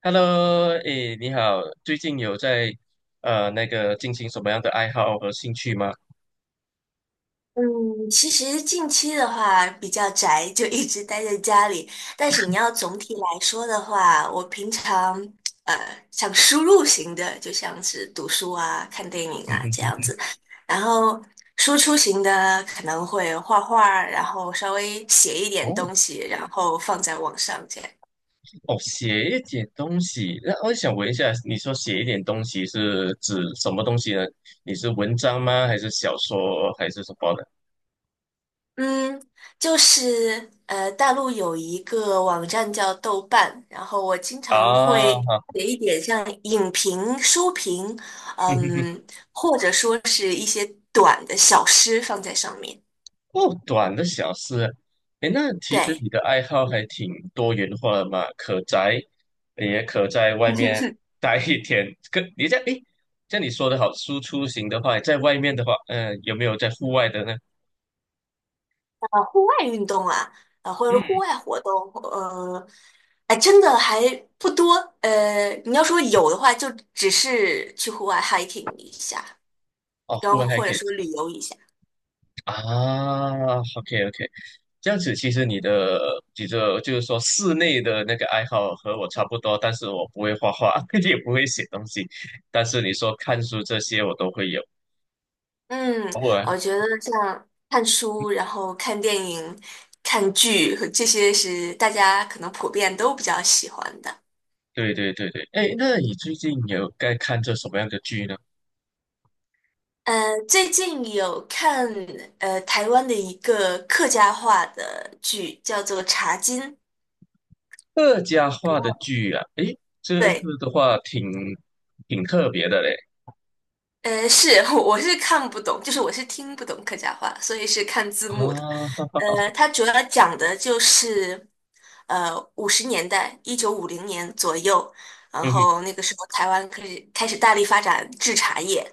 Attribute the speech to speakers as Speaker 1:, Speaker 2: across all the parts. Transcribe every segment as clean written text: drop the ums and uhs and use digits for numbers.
Speaker 1: Hello，诶，你好，最近有在进行什么样的爱好和兴趣吗？
Speaker 2: 嗯，其实近期的话比较宅，就一直待在家里。但是你要总体来说的话，我平常呃像输入型的，就像是读书啊、看电影
Speaker 1: 嗯
Speaker 2: 啊
Speaker 1: 哼
Speaker 2: 这样
Speaker 1: 哼，
Speaker 2: 子。然后输出型的可能会画画儿，然后稍微写一点
Speaker 1: 哦
Speaker 2: 东西，然后放在网上这样。
Speaker 1: 哦，写一点东西。那我想问一下，你说写一点东西是指什么东西呢？你是文章吗？还是小说？还是什么的？
Speaker 2: 嗯，就是大陆有一个网站叫豆瓣，然后我经常
Speaker 1: 啊，
Speaker 2: 会
Speaker 1: 好，
Speaker 2: 写一点像影评、书评，嗯，或者说是一些短的小诗放在上面。
Speaker 1: 哦，短的小事啊，诶，那其实
Speaker 2: 对，
Speaker 1: 你的爱好还挺多元化的嘛，可宅，也可在外面待一天。可你这样，诶，像你说的好，输出型的话，在外面的话，有没有在户外的呢？
Speaker 2: 户外运动啊，或者是
Speaker 1: 嗯，
Speaker 2: 户外活动，呃，哎，真的还不多。你要说有的话，就只是去户外 hiking 一下，
Speaker 1: 哦，
Speaker 2: 然
Speaker 1: 户外
Speaker 2: 后
Speaker 1: 还
Speaker 2: 或
Speaker 1: 可
Speaker 2: 者
Speaker 1: 以
Speaker 2: 说旅游一下。
Speaker 1: 啊，OK OK，这样子其实你的就是说室内的那个爱好和我差不多，但是我不会画画，也不会写东西，但是你说看书这些我都会有。
Speaker 2: 嗯，
Speaker 1: 偶尔，
Speaker 2: 我觉得像看书，然后看电影、看剧，这些是大家可能普遍都比较喜欢的。
Speaker 1: 对对对对，哎，那你最近有在看这什么样的剧呢？
Speaker 2: 呃，最近有看台湾的一个客家话的剧，叫做《茶金》。
Speaker 1: 客家话的剧啊，哎，这
Speaker 2: 对，
Speaker 1: 个的话挺特别的嘞
Speaker 2: 是，我是看不懂，就是我是听不懂客家话，所以是看字幕的。
Speaker 1: 啊，
Speaker 2: 它主要讲的就是，50年代，1950年左右，然
Speaker 1: 嗯哼，
Speaker 2: 后那个时候台湾开始大力发展制茶业，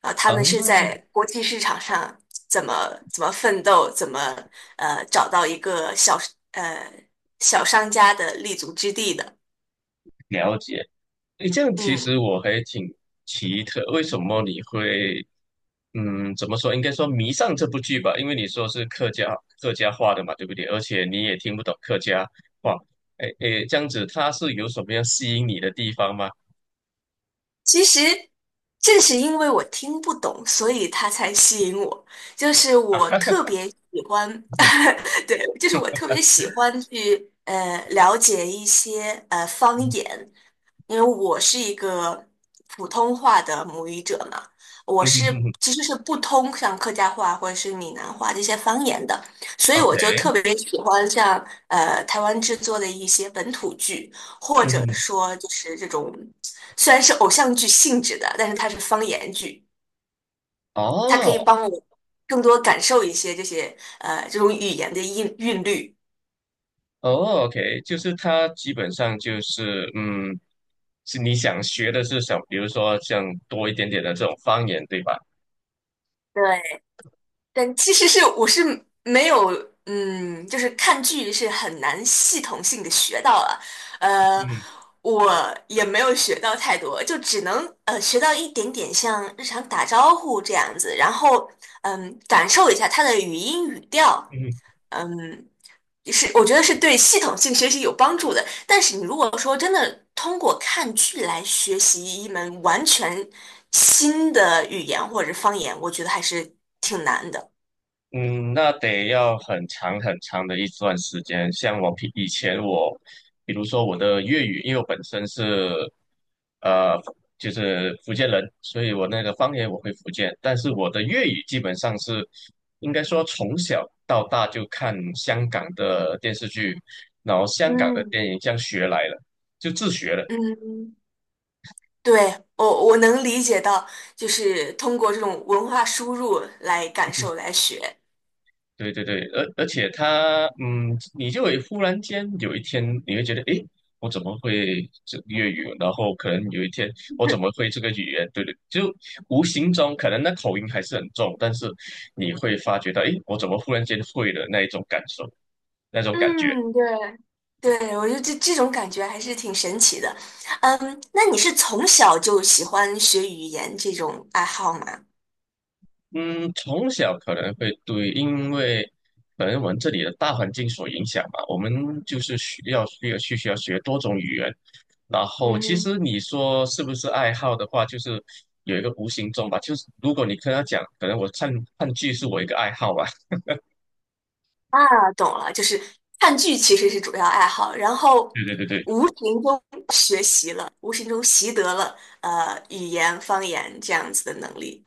Speaker 2: 啊，他
Speaker 1: 哦，
Speaker 2: 们是在国际市场上怎么怎么奋斗，怎么找到一个呃小商家的立足之地的。
Speaker 1: 了解。哎，这样其
Speaker 2: 嗯，
Speaker 1: 实我还挺奇特，为什么你会嗯，怎么说？应该说迷上这部剧吧，因为你说是客家话的嘛，对不对？而且你也听不懂客家话，哎哎，这样子它是有什么样吸引你的地方吗？
Speaker 2: 其实正是因为我听不懂，所以它才吸引我。就是
Speaker 1: 啊
Speaker 2: 我
Speaker 1: 哈哈，
Speaker 2: 特别喜欢，
Speaker 1: 嗯
Speaker 2: 对，就是我特别喜欢去了解一些方
Speaker 1: 嗯
Speaker 2: 言，因为我是一个普通话的母语者嘛，我
Speaker 1: 嗯
Speaker 2: 是
Speaker 1: 嗯嗯。
Speaker 2: 其实是不通像客家话或者是闽南话这些方言的，所以我
Speaker 1: OK，
Speaker 2: 就特别喜欢像台湾制作的一些本土剧，或
Speaker 1: 嗯
Speaker 2: 者
Speaker 1: 哼，
Speaker 2: 说就是这种虽然是偶像剧性质的，但是它是方言剧，它可以
Speaker 1: 哦
Speaker 2: 帮我更多感受一些这些这种语言的韵律。
Speaker 1: 哦，OK，就是它基本上就是嗯，是你想学的是想，比如说像多一点点的这种方言，对吧？
Speaker 2: 对，但其实是我是没有，嗯，就是看剧是很难系统性的学到了，呃，
Speaker 1: 嗯
Speaker 2: 我也没有学到太多，就只能学到一点点像日常打招呼这样子，然后嗯，感受一下它的语音语调，
Speaker 1: 嗯
Speaker 2: 嗯，是我觉得是对系统性学习有帮助的。但是你如果说真的通过看剧来学习一门完全新的语言或者是方言，我觉得还是挺难的。
Speaker 1: 嗯，那得要很长很长的一段时间。像我平以前我，比如说我的粤语，因为我本身是呃就是福建人，所以我那个方言我会福建，但是我的粤语基本上是应该说从小到大就看香港的电视剧，然后香港的
Speaker 2: 嗯
Speaker 1: 电影这样学来了，就自学了。
Speaker 2: 嗯，对，我能理解到，就是通过这种文化输入来感受来学。
Speaker 1: 对对对，而且他，嗯，你就会忽然间有一天，你会觉得，诶，我怎么会这粤语？然后可能有一天，我怎么 会这个语言？对对，就无形中可能那口音还是很重，但是你会发觉到，诶，我怎么忽然间会了那一种感受，那种感觉。
Speaker 2: 嗯，对对，我觉得这种感觉还是挺神奇的。嗯，那你是从小就喜欢学语言这种爱好吗？
Speaker 1: 嗯，从小可能会对，因为可能我们这里的大环境所影响嘛，我们就是需要学多种语言。然后，其实
Speaker 2: 嗯，
Speaker 1: 你说是不是爱好的话，就是有一个无形中吧。就是如果你跟他讲，可能我看剧是我一个爱好吧。
Speaker 2: 啊，懂了，就是看剧其实是主要爱好，然后
Speaker 1: 对对对
Speaker 2: 无形中学习了，无形中习得了语言方言这样子的能力。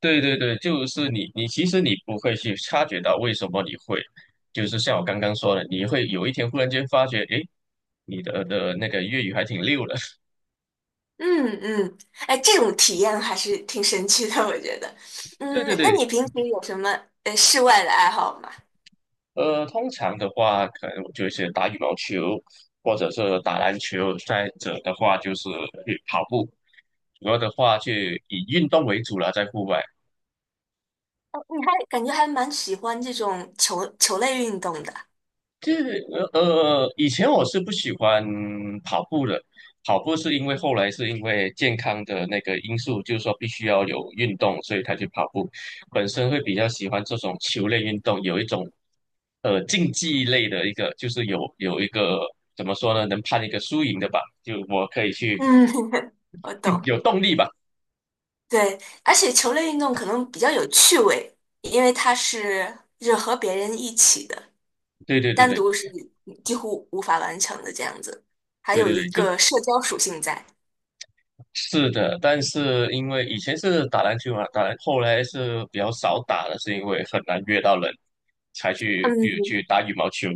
Speaker 1: 对对对对，就是你其实你不会去察觉到为什么你会，就是像我刚刚说的，你会有一天忽然间发觉，诶，你的那个粤语还挺溜的。
Speaker 2: 嗯嗯，哎，这种体验还是挺神奇的，我觉得。
Speaker 1: 对
Speaker 2: 嗯，
Speaker 1: 对
Speaker 2: 那
Speaker 1: 对，
Speaker 2: 你平时有什么室外的爱好吗？
Speaker 1: 呃，通常的话，可能我就是打羽毛球，或者是打篮球，再者的话就是去跑步。主要的话就以运动为主了，在户外。
Speaker 2: 哦，你还感觉还蛮喜欢这种球类运动的。
Speaker 1: 这以前我是不喜欢跑步的，跑步是因为后来是因为健康的那个因素，就是说必须要有运动，所以才去跑步。本身会比较喜欢这种球类运动，有一种竞技类的一个，就是有一个怎么说呢，能判一个输赢的吧，就我可以去
Speaker 2: 嗯，我 懂。
Speaker 1: 有动力吧。
Speaker 2: 对，而且球类运动可能比较有趣味，因为它是就是和别人一起的，
Speaker 1: 对对对
Speaker 2: 单
Speaker 1: 对
Speaker 2: 独是几乎无法完成的这样子，还
Speaker 1: 对
Speaker 2: 有
Speaker 1: 对
Speaker 2: 一
Speaker 1: 对，就
Speaker 2: 个社交属性在。
Speaker 1: 是的，但是因为以前是打篮球嘛，后来是比较少打了，是因为很难约到人，才去比如
Speaker 2: 嗯，
Speaker 1: 去打羽毛球。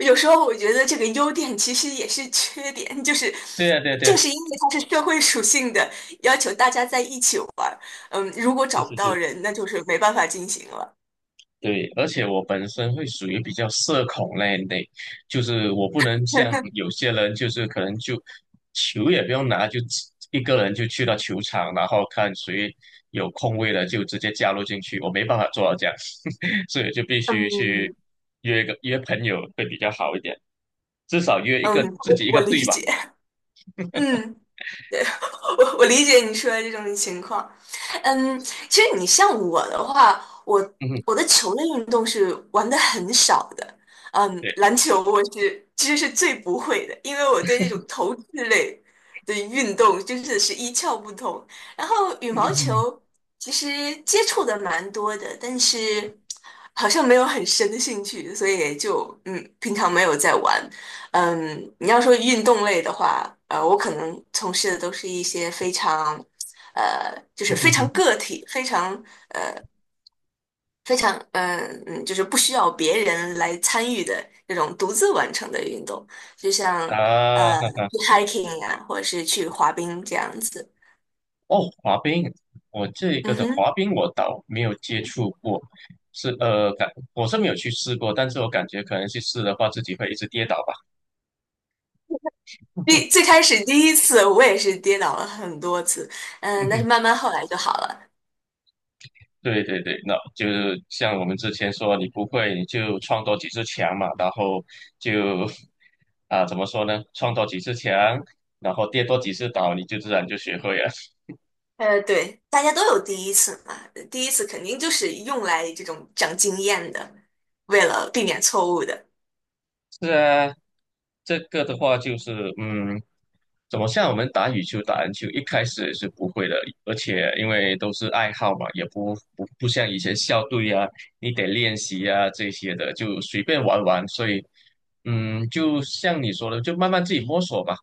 Speaker 2: 有时候我觉得这个优点其实也是缺点，就是
Speaker 1: 对呀，对呀，对呀，
Speaker 2: 正是因为它是社会属性的，要求大家在一起玩儿，嗯，如果
Speaker 1: 是
Speaker 2: 找不
Speaker 1: 是
Speaker 2: 到
Speaker 1: 是。
Speaker 2: 人，那就是没办法进行了。
Speaker 1: 对，而且我本身会属于比较社恐那一类，就是我不能像有些人，就是可能就球也不用拿，就自一个人就去到球场，然后看谁有空位了就直接加入进去，我没办法做到这样，所以就必须去
Speaker 2: 嗯，
Speaker 1: 约朋友会比较好一点，至少约一个
Speaker 2: 嗯，
Speaker 1: 自
Speaker 2: 我
Speaker 1: 己一
Speaker 2: 我
Speaker 1: 个
Speaker 2: 理
Speaker 1: 队吧。
Speaker 2: 解。嗯。对，我我理解你说的这种情况，嗯，其实你像我的话，我
Speaker 1: 嗯哼，
Speaker 2: 我的球类运动是玩的很少的，嗯，
Speaker 1: 对，
Speaker 2: 篮球我是其实是最不会的，因为我对那种投掷类的运动真的是一窍不通。然后羽毛球其实接触的蛮多的，但是好像没有很深的兴趣，所以也就嗯，平常没有在玩。嗯，你要说运动类的话，我可能从事的都是一些非常，就是非常个体、非常,就是不需要别人来参与的这种独自完成的运动，就像 呃
Speaker 1: 啊。
Speaker 2: 去 hiking 呀、或者是去滑冰这样子。
Speaker 1: 哦，滑冰，我这个
Speaker 2: 嗯
Speaker 1: 的
Speaker 2: 哼，
Speaker 1: 滑冰我倒没有接触过，是呃感我是没有去试过，但是我感觉可能去试的话，自己会一直跌倒吧。
Speaker 2: 最开始第一次我也是跌倒了很多次，嗯，但是慢 慢后来就好了。
Speaker 1: 对对对，那就是像我们之前说，你不会你就创多几次墙嘛，然后就 啊，怎么说呢，创多几次墙，然后跌多几次倒，你就自然就学会了。
Speaker 2: 对，大家都有第一次嘛，第一次肯定就是用来这种长经验的，为了避免错误的。
Speaker 1: 是啊，这个的话就是，嗯，怎么像我们打羽球、打篮球，一开始也是不会的，而且因为都是爱好嘛，也不像以前校队啊，你得练习啊这些的，就随便玩玩。所以，嗯，就像你说的，就慢慢自己摸索吧。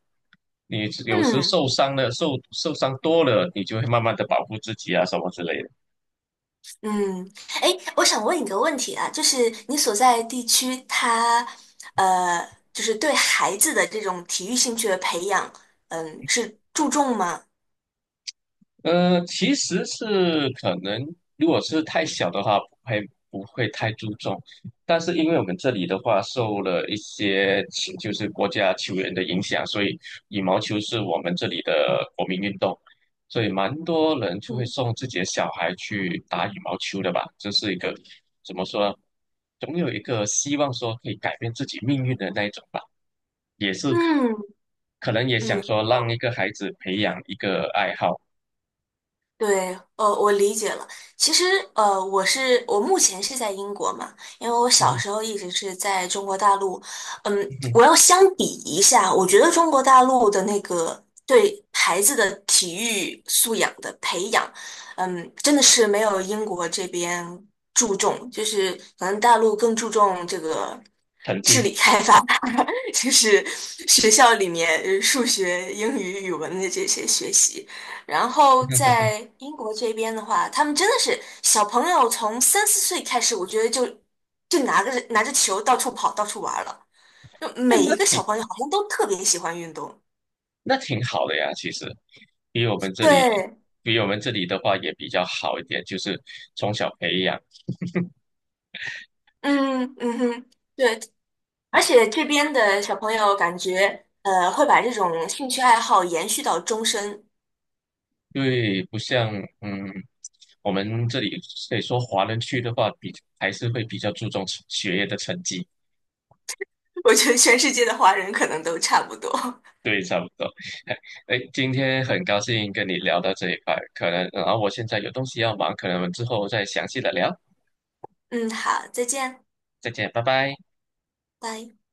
Speaker 1: 你有时
Speaker 2: 嗯
Speaker 1: 受伤了，受伤多了，你就会慢慢的保护自己啊，什么之类的。
Speaker 2: 嗯，哎，我想问你个问题啊，就是你所在地区它，呃，就是对孩子的这种体育兴趣的培养，嗯，是注重吗？
Speaker 1: 其实是可能，如果是太小的话，不会太注重。但是因为我们这里的话，受了一些球就是国家球员的影响，所以羽毛球是我们这里的国民运动，所以蛮多人就会
Speaker 2: 嗯
Speaker 1: 送自己的小孩去打羽毛球的吧。这是一个怎么说呢？总有一个希望说可以改变自己命运的那一种吧，也是
Speaker 2: 嗯
Speaker 1: 可能也想
Speaker 2: 嗯，
Speaker 1: 说让一个孩子培养一个爱好，
Speaker 2: 对，我理解了。其实，我是我目前是在英国嘛，因为我
Speaker 1: 嗯
Speaker 2: 小
Speaker 1: 哼
Speaker 2: 时候一直是在中国大陆。嗯，
Speaker 1: 哼哼，
Speaker 2: 我要相比一下，我觉得中国大陆的那个对孩子的体育素养的培养，嗯，真的是没有英国这边注重，就是可能大陆更注重这个。
Speaker 1: 成绩。
Speaker 2: 就是学校里面数学、英语、语文的这些学习。然后 在英国这边的话，他们真的是小朋友从3、4岁开始，我觉得就就拿着球到处跑、到处玩了。就每
Speaker 1: 那
Speaker 2: 一个小
Speaker 1: 挺
Speaker 2: 朋友好像都特别喜欢运动。
Speaker 1: 那挺好的呀，其实比我们这里
Speaker 2: 对，
Speaker 1: 比我们这里的话也比较好一点，就是从小培养，
Speaker 2: 嗯嗯哼，对，而且这边的小朋友感觉会把这种兴趣爱好延续到终身。
Speaker 1: 因为不像嗯我们这里可以说华人区的话还是会比较注重成学业的成绩，
Speaker 2: 我觉得全世界的华人可能都差不多。
Speaker 1: 对，差不多。哎，今天很高兴跟你聊到这一块，可能然后我现在有东西要忙，可能我们之后再详细的聊，
Speaker 2: 嗯，好，再见。
Speaker 1: 再见，拜拜。
Speaker 2: 拜。